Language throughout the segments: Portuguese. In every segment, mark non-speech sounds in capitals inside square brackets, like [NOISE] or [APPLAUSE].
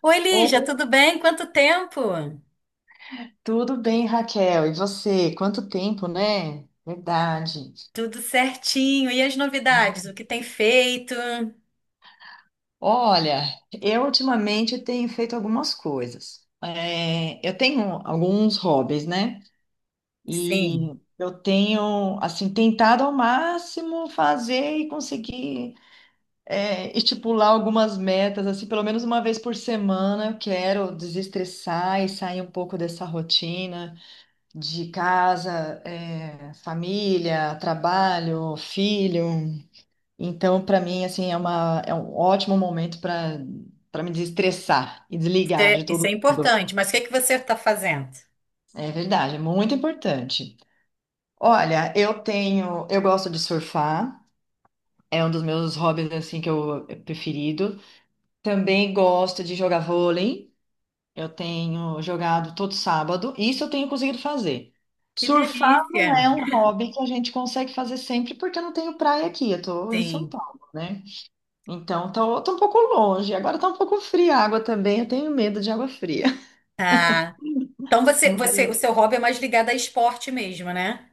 Oi, Lígia, Oi, tudo bem? Quanto tempo? tudo bem, Raquel? E você? Quanto tempo, né? Verdade. Tudo certinho. E as novidades? O que tem feito? Olha, eu ultimamente tenho feito algumas coisas. Eu tenho alguns hobbies, né? E Sim, eu tenho, assim, tentado ao máximo fazer e conseguir estipular algumas metas, assim, pelo menos uma vez por semana eu quero desestressar e sair um pouco dessa rotina. De casa, é, família, trabalho, filho. Então, para mim, assim, é um ótimo momento para me desestressar e isso desligar de é, isso é todo mundo. importante. Mas o que é que você está fazendo? É verdade, é muito importante. Olha, eu gosto de surfar, é um dos meus hobbies assim que eu é preferido. Também gosto de jogar vôlei. Eu tenho jogado todo sábado, isso eu tenho conseguido fazer. Que Surfar delícia! não é um hobby que a gente consegue fazer sempre, porque eu não tenho praia aqui, eu tô em São Sim. Paulo, né? Então tô um pouco longe. Agora tá um pouco fria a água também, eu tenho medo de água fria. Tá. Então você, você, o seu hobby é mais ligado a esporte mesmo, né?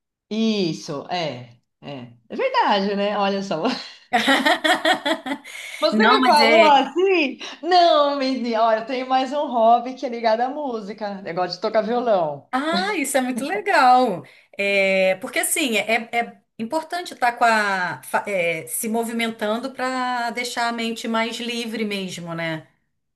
[LAUGHS] Isso, é. É verdade, né? Olha só. [LAUGHS] [LAUGHS] Você Não, me mas falou é, assim? Não, menina, olha, eu tenho mais um hobby que é ligado à música, negócio de tocar violão. Ah, isso é muito legal. É, porque assim, é, é importante estar com a, fa- é, se movimentando para deixar a mente mais livre mesmo, né?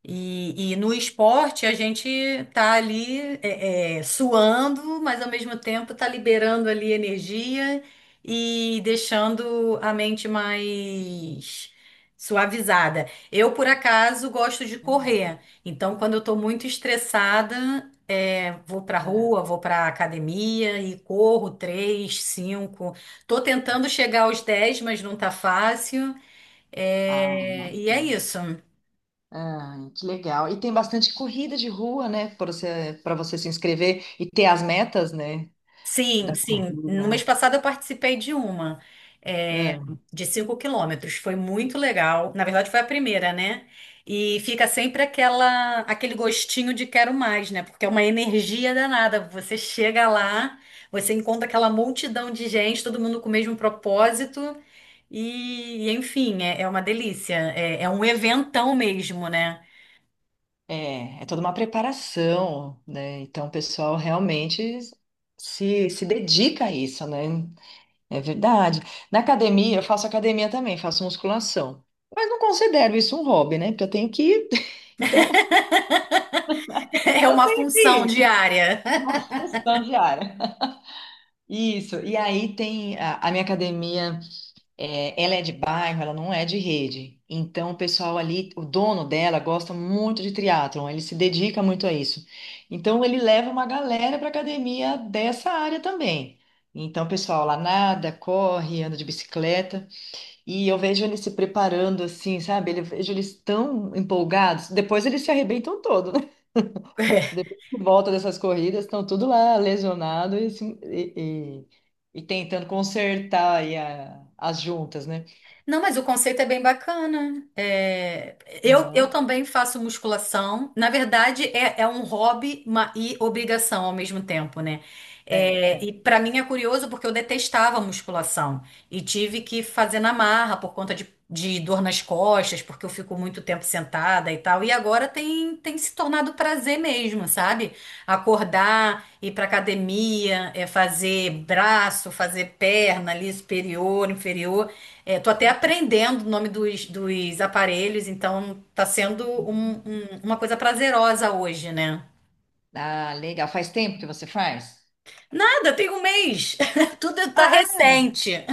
E no esporte a gente tá ali suando, mas ao mesmo tempo tá liberando ali energia e deixando a mente mais suavizada. Eu, por acaso, gosto de É verdade. correr. Então, quando eu tô muito estressada, vou pra É. rua, vou pra academia e corro três, cinco. Tô tentando chegar aos 10, mas não tá fácil. Ah, É, e é nossa. isso. Ai, que legal. E tem bastante corrida de rua, né? Para para você se inscrever e ter as metas, né? Sim, Da sim. No mês corrida. passado eu participei de uma, é, Ah, de 5 km. Foi muito legal. Na verdade, foi a primeira, né? E fica sempre aquele gostinho de quero mais, né? Porque é uma energia danada. Você chega lá, você encontra aquela multidão de gente, todo mundo com o mesmo propósito. Enfim, é uma delícia. É um eventão mesmo, né? é, é toda uma preparação, né? Então, o pessoal realmente se dedica a isso, né? É verdade. Na academia, eu faço academia também, faço musculação. Mas não considero isso um hobby, né? Porque eu tenho que ir. [LAUGHS] Então, [LAUGHS] É eu uma tenho que função ir. diária. [LAUGHS] Função diária. Isso. E aí tem a minha academia. É, ela é de bairro, ela não é de rede. Então, o pessoal ali, o dono dela gosta muito de triatlon, ele se dedica muito a isso. Então, ele leva uma galera para academia dessa área também. Então, o pessoal lá nada, corre, anda de bicicleta, e eu vejo eles se preparando assim, sabe? Eu vejo eles tão empolgados. Depois eles se arrebentam todo, né? [LAUGHS] [LAUGHS] Depois que volta dessas corridas, estão tudo lá lesionado e tentando consertar as juntas, né? Não, mas o conceito é bem bacana. Eu Aham. também faço musculação. Na verdade, é um hobby e obrigação ao mesmo tempo, né? É, é. E para mim é curioso porque eu detestava musculação e tive que fazer na marra por conta de dor nas costas, porque eu fico muito tempo sentada e tal. E agora tem se tornado prazer mesmo, sabe? Acordar, ir para academia, fazer braço, fazer perna ali superior, inferior. Tô até aprendendo o nome dos aparelhos, então tá sendo uma coisa prazerosa hoje, né? Ah, legal. Faz tempo que você faz? Nada, tem um mês. [LAUGHS] Tudo tá Ah, recente.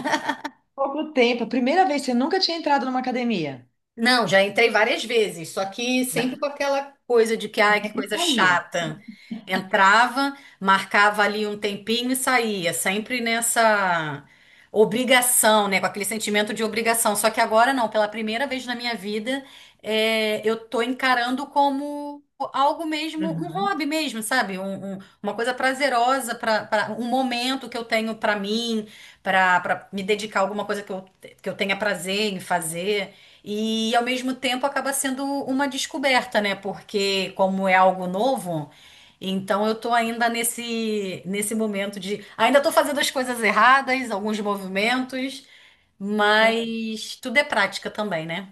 pouco tempo. Primeira vez, você nunca tinha entrado numa academia. Não, já entrei várias vezes, só que Mas sempre com aquela coisa de que, ai, que sempre coisa saía. chata. Entrava, marcava ali um tempinho e saía, sempre nessa obrigação, né? Com aquele sentimento de obrigação. Só que agora não, pela primeira vez na minha vida, eu tô encarando como algo mesmo, um Aham. hobby mesmo, sabe? Uma coisa prazerosa, um momento que eu tenho pra mim, pra pra me dedicar a alguma coisa que eu tenha prazer em fazer. E ao mesmo tempo acaba sendo uma descoberta, né? Porque como é algo novo, então eu tô ainda nesse momento de ainda tô fazendo as coisas erradas, alguns movimentos, mas tudo é prática também, né?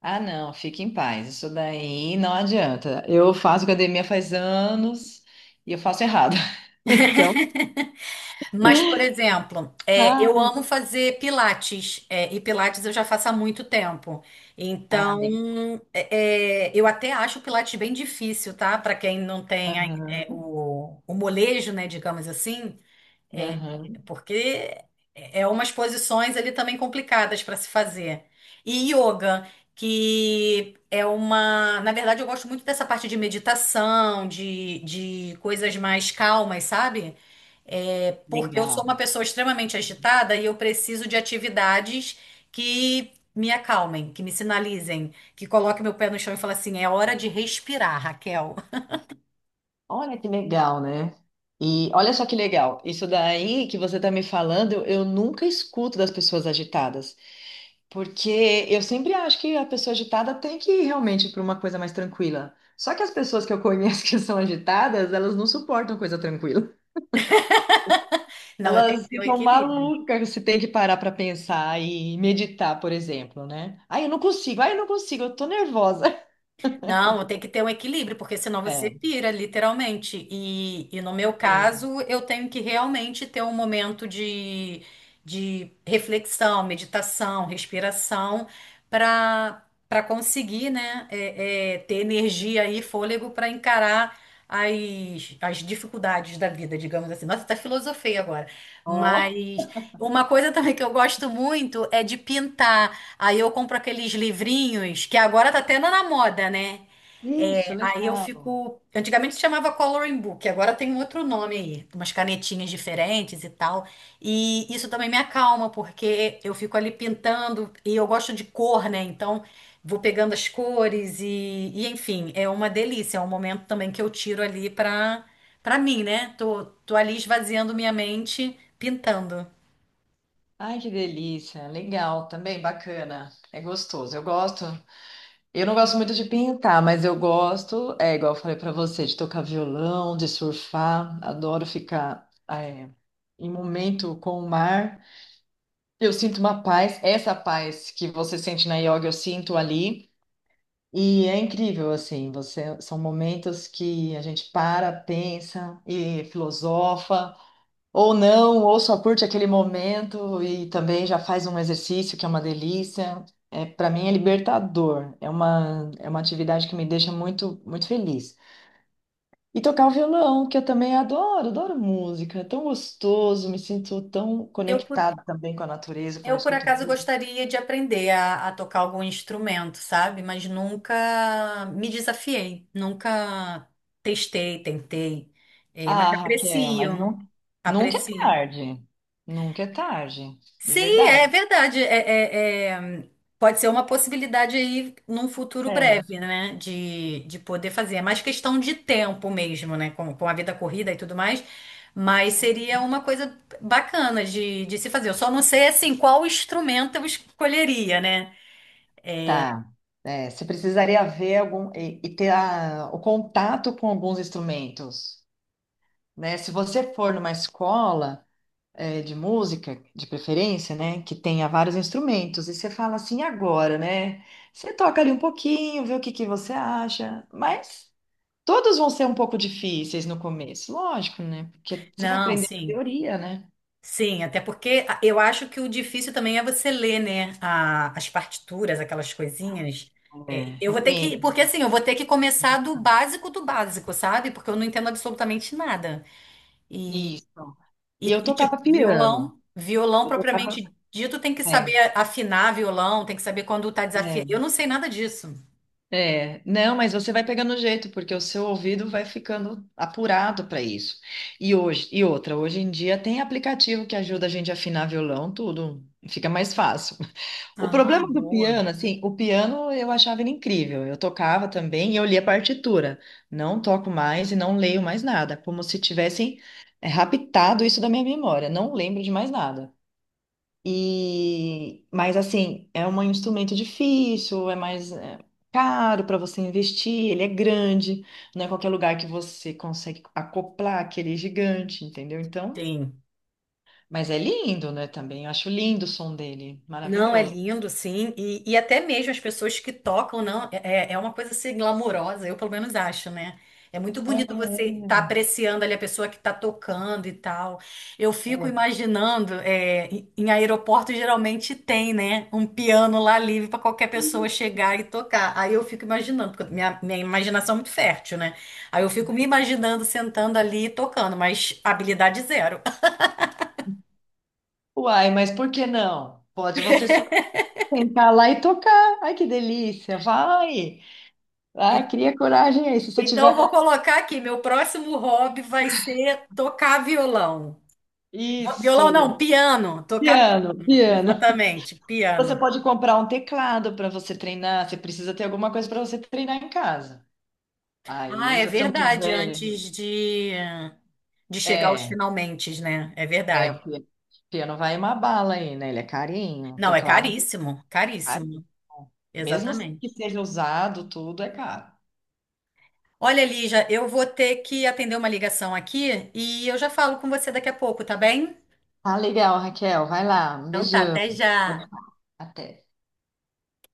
Ah, não, fique em paz. Isso daí não adianta. Eu faço academia faz anos e eu faço errado. [LAUGHS] Então, Mas, por exemplo, eu ah, amo fazer pilates, e pilates eu já faço há muito tempo. ah, legal. Então, eu até acho o pilates bem difícil, tá? Para quem não tem a- é, Aham. o, o molejo, né, digamos assim. Aham. Porque é umas posições ali também complicadas para se fazer. E yoga, que é uma. Na verdade, eu gosto muito dessa parte de meditação, de coisas mais calmas, sabe? Porque eu Legal. sou uma pessoa extremamente agitada e eu preciso de atividades que me acalmem, que me sinalizem, que coloquem meu pé no chão e falem assim: é hora de respirar, Raquel. [LAUGHS] Olha que legal, né? E olha só que legal. Isso daí que você tá me falando, eu nunca escuto das pessoas agitadas. Porque eu sempre acho que a pessoa agitada tem que ir realmente para uma coisa mais tranquila. Só que as pessoas que eu conheço [LAUGHS] que são agitadas, elas não suportam coisa tranquila. Não, eu tenho que Elas ter o ficam equilíbrio. malucas se tem que parar para pensar e meditar, por exemplo, né? Ai, eu não consigo, ai, eu não consigo, eu tô nervosa. [LAUGHS] Não, tem que ter um equilíbrio, porque senão você É. pira, literalmente. E no meu Sim. caso, eu tenho que realmente ter um momento de reflexão, meditação, respiração, para para conseguir, né, ter energia e fôlego para encarar as dificuldades da vida, digamos assim. Nossa, até filosofei agora. Ó, Mas uma coisa também que eu gosto muito é de pintar. Aí eu compro aqueles livrinhos que agora tá tendo na moda, né? isso, Aí eu legal. fico. Antigamente se chamava coloring book, agora tem um outro nome aí, umas canetinhas diferentes e tal. E isso também me acalma, porque eu fico ali pintando e eu gosto de cor, né? Então vou pegando as cores e enfim, é uma delícia. É um momento também que eu tiro ali pra mim, né? Tô ali esvaziando minha mente, pintando. Ai, que delícia, legal também, bacana. É gostoso, eu gosto. Eu não gosto muito de pintar, mas eu gosto, é igual eu falei pra você, de tocar violão, de surfar. Adoro ficar em momento com o mar. Eu sinto uma paz, essa paz que você sente na yoga, eu sinto ali. E é incrível, assim, você, são momentos que a gente para, pensa e filosofa. Ou não, ou só curte aquele momento e também já faz um exercício que é uma delícia. É, para mim é libertador. É uma atividade que me deixa muito, muito feliz. E tocar o violão, que eu também adoro, adoro música. É tão gostoso, me sinto tão Eu, por conectada também com a natureza quando eu Eu, por escuto acaso, música. gostaria de aprender a tocar algum instrumento, sabe? Mas nunca me desafiei, nunca testei, tentei. É, mas Ah, Raquel, mas aprecio, não, nunca é aprecio. tarde. Nunca é tarde, de Sim, é verdade. verdade. Pode ser uma possibilidade aí num futuro É. breve, né? De poder fazer. É mais questão de tempo mesmo, né? Com a vida corrida e tudo mais. Mas seria uma coisa bacana de se fazer. Eu só não sei, assim, qual instrumento eu escolheria, né? Tá. É, você precisaria ver e ter o contato com alguns instrumentos, né? Se você for numa escola é, de música, de preferência, né, que tenha vários instrumentos, e você fala assim agora, né? Você toca ali um pouquinho, vê o que que você acha, mas todos vão ser um pouco difíceis no começo, lógico, né? Porque você vai Não, aprender a sim. teoria, né? Sim, até porque eu acho que o difícil também é você ler, né, as partituras, aquelas coisinhas. É, É, eu vou ter que, menina, porque assim, eu vou ter que começar do básico, sabe? Porque eu não entendo absolutamente nada. E, isso. E eu tipo, tocava piano. violão, violão Eu tocava, propriamente dito, tem que é. saber afinar violão, tem que saber quando tá desafiando. É. Eu não sei nada disso. É, não, mas você vai pegando o jeito, porque o seu ouvido vai ficando apurado para isso. E hoje, e outra, hoje em dia tem aplicativo que ajuda a gente a afinar violão, tudo fica mais fácil. [LAUGHS] O problema Ah, do boa. piano, assim, o piano eu achava ele incrível. Eu tocava também e eu lia partitura. Não toco mais e não leio mais nada, como se tivessem raptado isso da minha memória. Não lembro de mais nada. E, mas assim, é um instrumento difícil, caro para você investir, ele é grande, não é qualquer lugar que você consegue acoplar aquele gigante, entendeu? Então, Tem. mas é lindo, né, também. Eu acho lindo o som dele, Não, é maravilhoso. lindo, sim. E até mesmo as pessoas que tocam, não, é, é uma coisa assim glamourosa, eu pelo menos acho, né? É muito É, bonito você estar apreciando ali a pessoa que está tocando e tal. Eu fico é. imaginando, é, em aeroporto geralmente tem, né, um piano lá livre para qualquer pessoa chegar e tocar. Aí eu fico imaginando, porque minha imaginação é muito fértil, né? Aí eu fico me imaginando sentando ali e tocando, mas habilidade zero. Uai, mas por que não? Pode você se sentar lá e tocar. Ai, que delícia! Vai! Ai cria coragem aí. Se você Então, eu tiver. vou colocar aqui, meu próximo hobby vai ser tocar violão. Não, violão Isso! não, piano. Tocar Piano, piano. piano. Exatamente, Você piano. pode comprar um teclado para você treinar, você precisa ter alguma coisa para você treinar em casa. Ah, Aí, é se você não verdade, tiver. antes de chegar aos É, finalmente, né? É verdade. o piano vai uma bala aí, né? Ele é carinho, o Não, é teclado é caríssimo, caro. caríssimo. Mesmo que Exatamente. seja usado, tudo é caro. Olha, Lígia, eu vou ter que atender uma ligação aqui e eu já falo com você daqui a pouco, tá bem? Tá legal, Raquel, vai lá, um Então tá, beijão. até já. Até.